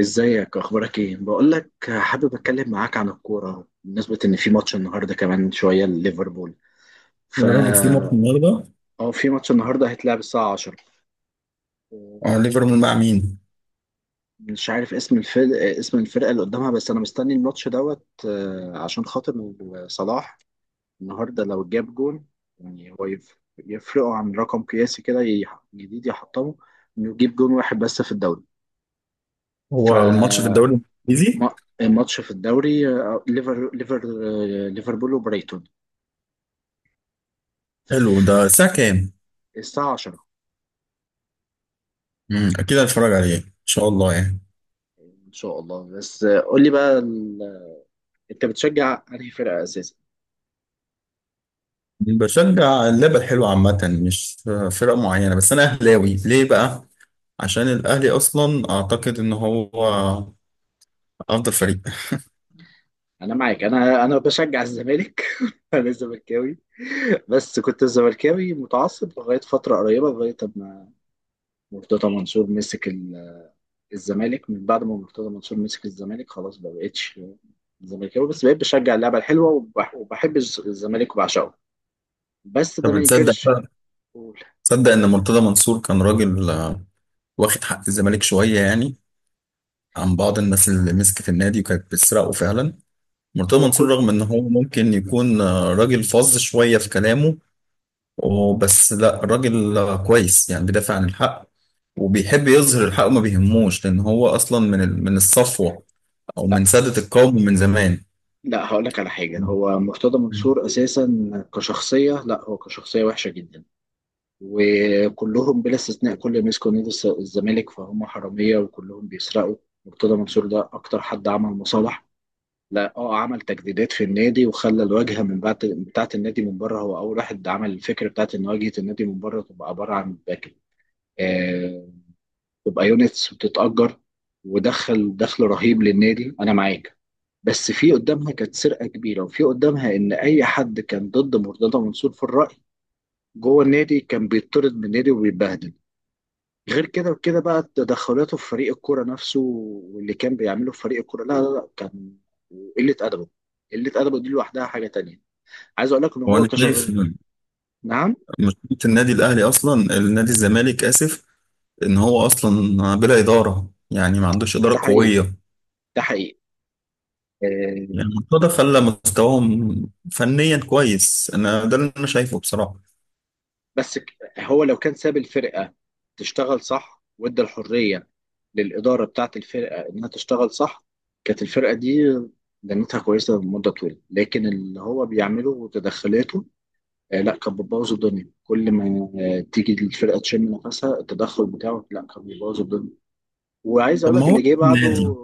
ازيك، اخبارك ايه؟ بقول لك حابب اتكلم معاك عن الكوره، بالنسبه ان في ماتش النهارده كمان شويه لليفربول. يا راجل في ماتش فا النهارده. اه، في ماتش النهارده، هيتلعب الساعه 10. ليفربول مع مين؟ مش عارف اسم الفرقه اللي قدامها، بس انا مستني الماتش دوت. عشان خاطر صلاح النهارده لو جاب جون. يعني هو يفرقوا عن رقم قياسي كده، جديد يحطمه، انه يجيب جون واحد بس في الدوري. ف هو ماتش في الدوري الانجليزي. الماتش في الدوري. ليفربول وبريتون. حلو ده، الساعة كام؟ الساعة 10، اكيد هتفرج عليه ان شاء الله يعني. إن شاء الله. بس قول لي بقى أنت بتشجع أنهي فرقة أساسا؟ بشجع اللعبة الحلوة عامة، مش فرق معينة. بس انا اهلاوي ليه بقى؟ عشان الاهلي اصلا اعتقد ان هو افضل فريق. أنا معاك. أنا بشجع الزمالك. أنا زملكاوي، بس كنت زملكاوي متعصب لغاية فترة قريبة، لغاية ما مرتضى منصور مسك الزمالك. من بعد ما مرتضى منصور مسك الزمالك، خلاص ما بقتش زملكاوي، بس بقيت بشجع اللعبة الحلوة وبحب الزمالك وبعشقه. بس ده ما طب تصدق ينكرش. بقى، قول. تصدق ان مرتضى منصور كان راجل واخد حق الزمالك شوية يعني، عن بعض الناس اللي مسكت النادي وكانت بتسرقه فعلا. مرتضى هو منصور كل رغم ان هو ممكن يكون راجل فظ شوية في كلامه وبس، لا راجل كويس يعني، بيدافع عن الحق وبيحب يظهر الحق وما بيهموش، لان هو اصلا من الصفوة او من سادة القوم من زمان. لا، هقول لك على حاجة. هو مرتضى منصور أساسا كشخصية، لا، هو كشخصية وحشة جدا. وكلهم بلا استثناء كل ما يمسكوا نادي الزمالك فهم حرامية وكلهم بيسرقوا. مرتضى منصور ده أكتر حد عمل مصالح. لا عمل تجديدات في النادي، وخلى الواجهة من بعد بتاعة النادي من بره. هو أول واحد عمل الفكرة بتاعة إن واجهة النادي من بره تبقى عبارة عن باك. آه تبقى يونتس بتتأجر، ودخل دخل رهيب للنادي. أنا معاك، بس في قدامها كانت سرقة كبيرة، وفي قدامها إن أي حد كان ضد مرتضى منصور في الرأي جوه النادي كان بيطرد من النادي وبيتبهدل. غير كده وكده بقى تدخلاته في فريق الكورة نفسه، واللي كان بيعمله في فريق الكورة، لا لا لا، كان قلة أدبه. قلة أدبه دي لوحدها حاجة تانية. عايز أقول لك إن هو وانا شايف كشغل. إن نعم. مشكله النادي الاهلي اصلا، النادي الزمالك اسف، ان هو اصلا بلا اداره، يعني ما عندوش ده اداره حقيقي، قويه. ده حقيقي. آه، يعني مرتضى خلى مستواهم فنيا كويس، انا ده اللي انا شايفه بصراحه. بس هو لو كان ساب الفرقة تشتغل صح، وادى الحرية للإدارة بتاعة الفرقة إنها تشتغل صح، كانت الفرقة دي دنيتها كويسة لمدة طويلة. لكن اللي هو بيعمله وتدخلاته، لا، كان بتبوظ الدنيا. كل ما تيجي الفرقة تشم نفسها، التدخل بتاعه، لا، كان بيبوظ الدنيا. وعايز طب أقول ما لك، هو اللي جه النادي. بعده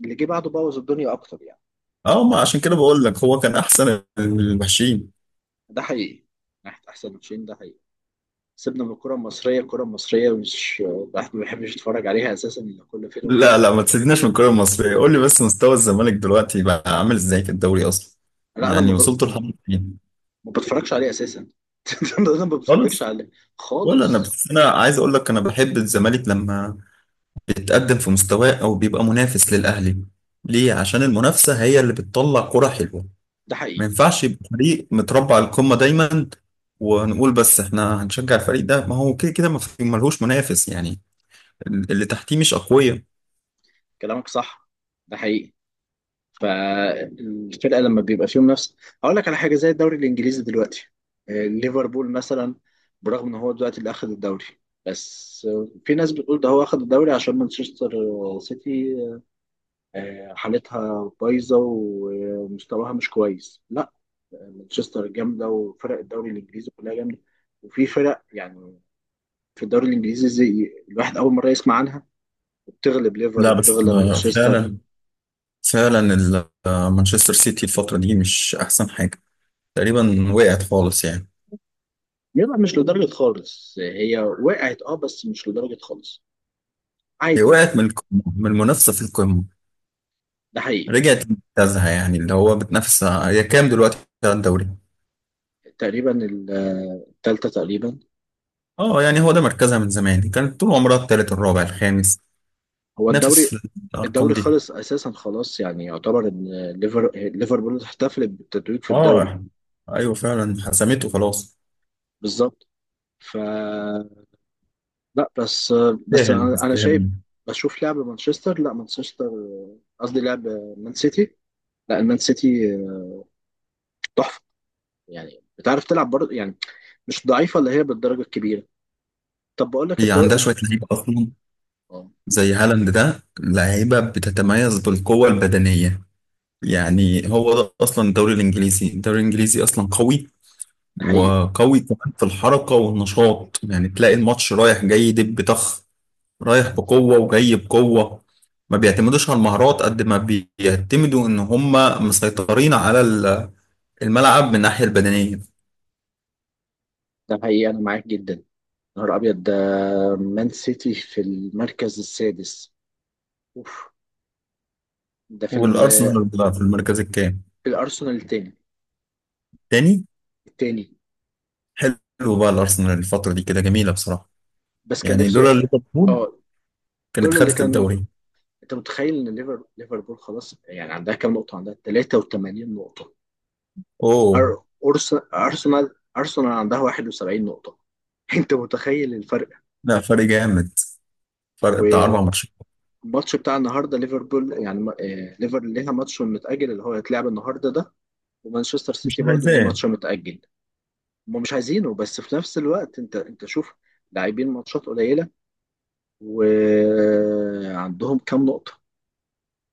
اللي جه بعده بوظ الدنيا أكتر يعني. اه ما عشان كده بقول لك هو كان احسن المحشين. ده حقيقي. ناحية أحسن ماتشين، ده حقيقي. سيبنا من الكرة المصرية مش الواحد ما بيحبش يتفرج عليها أساسا، إلا كل فين وفين. لا لا ما تسيبناش من الكرة المصرية. قول لي بس مستوى الزمالك دلوقتي بقى عامل ازاي في الدوري اصلا؟ لا، أنا يعني وصلت لحد فين؟ ما بتفرجش عليها أساسا. أنا ما بتفرجش خالص؟ عليها ولا انا، خالص. بس انا عايز اقول لك انا بحب الزمالك لما بيتقدم في مستواه او بيبقى منافس للاهلي. ليه؟ عشان المنافسة هي اللي بتطلع كرة حلوة. ده ما حقيقي. ينفعش يبقى فريق متربع على القمة دايما ونقول بس احنا هنشجع الفريق ده، ما هو كده كده ما في- ملهوش منافس يعني، اللي تحتيه مش اقوياء. كلامك صح، ده حقيقي. فالفرقة لما بيبقى فيهم نفس. هقول لك على حاجة، زي الدوري الإنجليزي دلوقتي. ليفربول مثلا، برغم إن هو دلوقتي اللي أخذ الدوري، بس في ناس بتقول ده هو أخذ الدوري عشان مانشستر سيتي حالتها بايظة ومستواها مش كويس. لا، مانشستر جامده، وفرق الدوري الانجليزي كلها جامده. وفي فرق يعني في الدوري الانجليزي زي الواحد اول مره يسمع عنها، وبتغلب ليفر لا بس وبتغلب مانشستر. فعلا، فعلا مانشستر سيتي الفترة دي مش أحسن حاجة، تقريبا وقعت خالص يعني. يبقى مش لدرجه خالص. هي وقعت، اه، بس مش لدرجه خالص، هي عادي وقعت من يعني. القمة، من المنافسة في القمة، ده حقيقي. رجعت لمركزها. يعني اللي هو بتنافس، هي كام دلوقتي على الدوري؟ تقريبا التالتة تقريبا. اه، يعني هو ده مركزها من زمان، كانت طول عمرها التالت الرابع الخامس، هو تنافس الدوري في الأرقام الدوري دي. خلص اساسا. خلاص يعني يعتبر ان ليفربول احتفلت بالتتويج في الدوري. اه، ايوه فعلا حسمته خلاص، بالظبط. ف لا، بس، بس تستاهل انا أنا شايف. تستاهل. بشوف لعب مانشستر، لا، مانشستر قصدي، لعب مان سيتي، لا، المان سيتي تحفه. يعني بتعرف تلعب برضه يعني، مش ضعيفه اللي هي بالدرجه الكبيره. طب بقول لك هي عندها الدوري. شوية لعيبة أصلا، اه، زي هالاند ده لعيبة بتتميز بالقوة البدنية. يعني هو ده اصلا الدوري الانجليزي، الدوري الانجليزي اصلا قوي، ده حقيقي، وقوي كمان في الحركه والنشاط. يعني تلاقي الماتش رايح جاي دب طخ، رايح بقوه وجاي بقوه. ما بيعتمدوش على المهارات قد ما بيعتمدوا ان هم مسيطرين على الملعب من الناحيه البدنيه. ده حقيقي. انا معاك جدا، يا نهار ابيض ده! مان سيتي في المركز السادس. اوف! ده في والارسنال بقى في المركز الكام؟ في الارسنال التاني. تاني؟ التاني. حلو بقى، الارسنال الفتره دي كده جميله بصراحه. بس كان يعني لولا نفسه. ليفربول اه، كانت دول اللي خدت كانوا. الدوري. انت متخيل ان ليفربول، خلاص يعني، عندها كام نقطه؟ عندها 83 نقطه. اوه. أرسنال عندها 71 نقطة. أنت متخيل الفرق؟ لا فرق جامد، فرق بتاع اربع والماتش ماتشات. بتاع النهاردة، ليفربول يعني ما- آه، ليفر ليها ماتش متأجل اللي هو هيتلعب النهاردة ده. ومانشستر مش سيتي برضو ليه عايزاه. ماتش متأجل. هم مش عايزينه، بس في نفس الوقت، أنت شوف، لاعبين ماتشات قليلة وعندهم كام نقطة.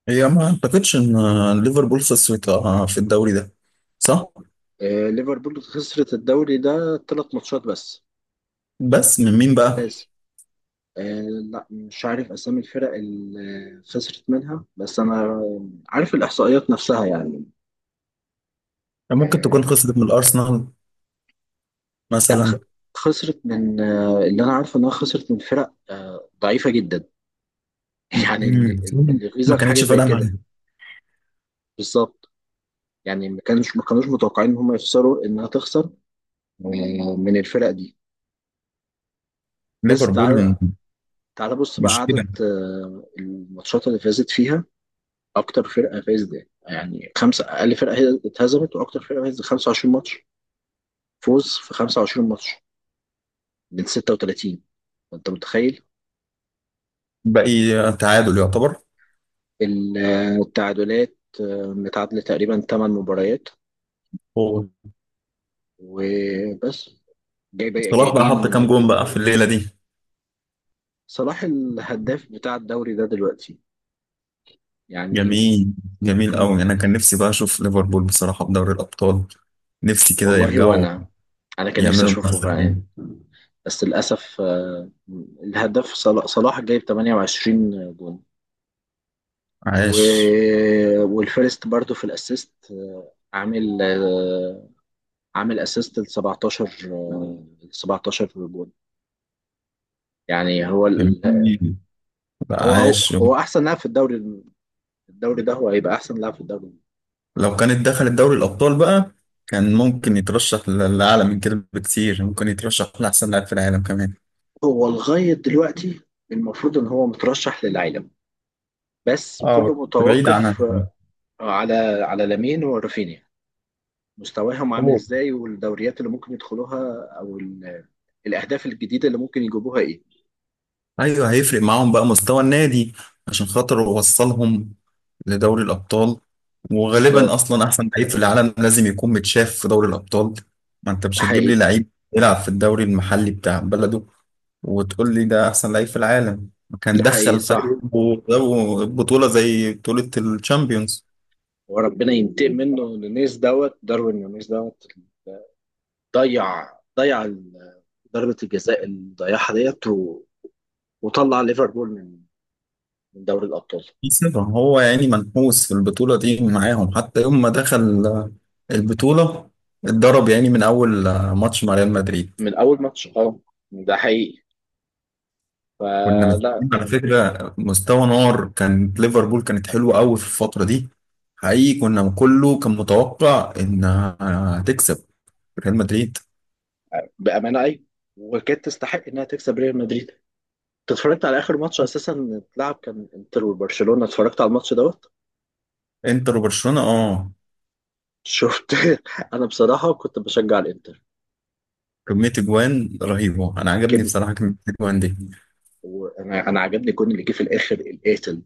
هي ما اعتقدش ان ليفربول خسرت في الدوري ده، صح؟ ليفربول خسرت الدوري ده ثلاث ماتشات بس. بس من مين بقى؟ آه لا، مش عارف اسامي الفرق اللي خسرت منها، بس انا عارف الاحصائيات نفسها يعني. ممكن تكون آه خسرت من الارسنال لا، مثلا. خسرت من، اللي انا عارفه انها خسرت من فرق ضعيفه جدا. يعني اللي مم. اللي ما يغيظك حاجه كانتش زي فارقه مع كده. بالظبط. يعني ما كانوش متوقعين ان هم يخسروا، انها تخسر من الفرق دي. بس تعال، ليفربول. تعال بص بقى مشكله. عدد الماتشات اللي فازت فيها. اكتر فرقه فازت يعني خمسه. اقل فرقه هي اتهزمت، واكتر فرقه فازت 25 ماتش. فوز في 25 ماتش من 36. انت متخيل؟ باقي تعادل يعتبر؟ ال- التعادلات متعادله تقريبا 8 مباريات هو وبس. جايب، صلاح بقى حط كام جايبين جون بقى في الليله دي؟ صلاح الهداف بتاع الدوري ده دلوقتي يعني، جميل، جميل المفروض. قوي. انا كان نفسي بقى اشوف ليفربول بصراحه في دوري الابطال، نفسي كده والله يرجعوا وانا، انا كان نفسي يعملوا اشوفه منافسه. فعلا. بس للاسف الهداف صلاح جايب 28 جون، و... عاش، والفيرست برضو في الاسيست، عامل اسيست ل 17. آه، 17 جول. يعني هو ال... جميل بقى، هو هو عاش. هو احسن لاعب في الدوري. الدوري ده هو هيبقى احسن لاعب في الدوري. لو كانت دخلت دوري الأبطال بقى، كان ممكن يترشح لأعلى من كده بكتير، ممكن يترشح لأحسن لاعب في العالم كمان. هو لغايه دلوقتي المفروض ان هو مترشح للعالم، بس اه كله بس بعيد عنها. متوقف على على لامين ورافينيا، مستواهم عامل عموما ازاي، والدوريات اللي ممكن يدخلوها، او الاهداف الجديده اللي ممكن يجيبوها ايه. أيوه هيفرق معاهم بقى مستوى النادي، عشان خاطر وصلهم لدوري الأبطال. وغالبا بالظبط. أصلا أحسن لعيب في العالم لازم يكون متشاف في دوري الأبطال. ما أنت ده مش هتجيب لي حقيقي، لعيب يلعب في الدوري المحلي بتاع بلده وتقول لي ده أحسن لعيب في العالم. كان ده حقيقي. دخل صح. فريقه بطولة زي بطولة الشامبيونز. وربنا ينتقم منه نونيز دوت، داروين نونيز دوت. ضيع ضربة الجزاء اللي ضيعها ديت، وطلع ليفربول من دوري الأبطال. سيبهم، هو يعني منحوس في البطولة دي معاهم. حتى يوم ما دخل البطولة اتضرب، يعني من أول ماتش مع ريال مدريد. من أول ماتش، اه، ده حقيقي. كنا فلا. مستنيين على فكرة مستوى نار، كانت ليفربول كانت حلوة قوي في الفترة دي حقيقي. كنا كله كان متوقع إنها هتكسب ريال مدريد. بأمانة، أي. وكانت تستحق إنها تكسب ريال مدريد. أنت اتفرجت على آخر ماتش أساسا اتلعب؟ كان إنتر وبرشلونة. اتفرجت على الماتش دوت؟ انتر وبرشلونة اه، شفت؟ أنا بصراحة كنت بشجع الإنتر. كمية اجوان رهيبة، انا عجبني كم. بصراحة كمية اجوان دي. وأنا عجبني الجون اللي جه في الآخر القاتل،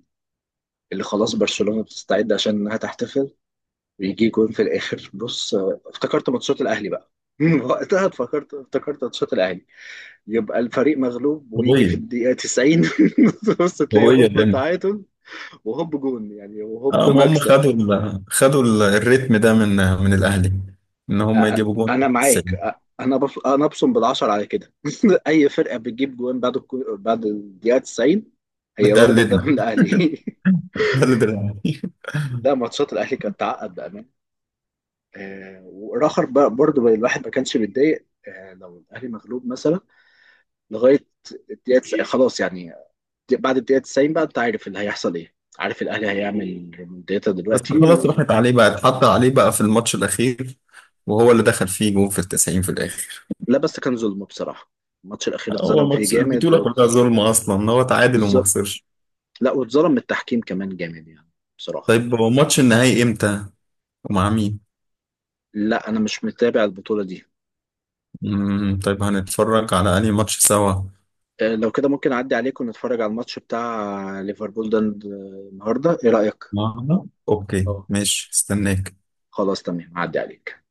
اللي خلاص برشلونة بتستعد عشان إنها تحتفل، بيجي جون في الاخر. بص، افتكرت ماتشات الاهلي بقى. وقتها افتكرت ماتشات الاهلي. يبقى الفريق مغلوب، ويجي في قوية، الدقيقه 90، بص، تلاقي قوية. هوب، تعادل، وهوب جون يعني، وهوب اه ما هم مكسب. خدوا الريتم ده من من الاهلي، ان هم يجيبوا جون في انا معاك. التسعين. انا انا ابصم بالعشر على كده. اي فرقه بتجيب جون بعد بعد الدقيقه 90، هي واخده ده من بتقلدنا، الاهلي. بتقلد الاهلي. لا، ماتشات الاهلي كانت تعقد بامان. والاخر بقى برضه الواحد ما كانش بيتضايق لو الاهلي مغلوب مثلا لغايه الدقيقه. خلاص يعني، بعد الدقيقه 90 بقى، انت عارف اللي هيحصل ايه، عارف، الاهلي هيعمل ريمونتادا بس دلوقتي، خلاص و... راحت عليه بقى، اتحط عليه بقى في الماتش الاخير، وهو اللي دخل فيه جون في التسعين في الاخر. لا، بس كان ظلم بصراحه. الماتش الاخير هو اتظلم فيه الماتش جامد، البطوله كلها ظلم اصلا، ان هو تعادل وما بالظبط. خسرش. لا، واتظلم من التحكيم كمان جامد يعني، بصراحه. طيب هو ماتش النهائي امتى؟ ومع مين؟ لا، انا مش متابع البطوله دي. طيب هنتفرج على انهي ماتش سوا؟ لو كده ممكن اعدي عليكم نتفرج على الماتش بتاع ليفربول ده النهارده، ايه رايك؟ معنا اوكي اه، ماشي، استناك. خلاص، تمام، اعدي عليك.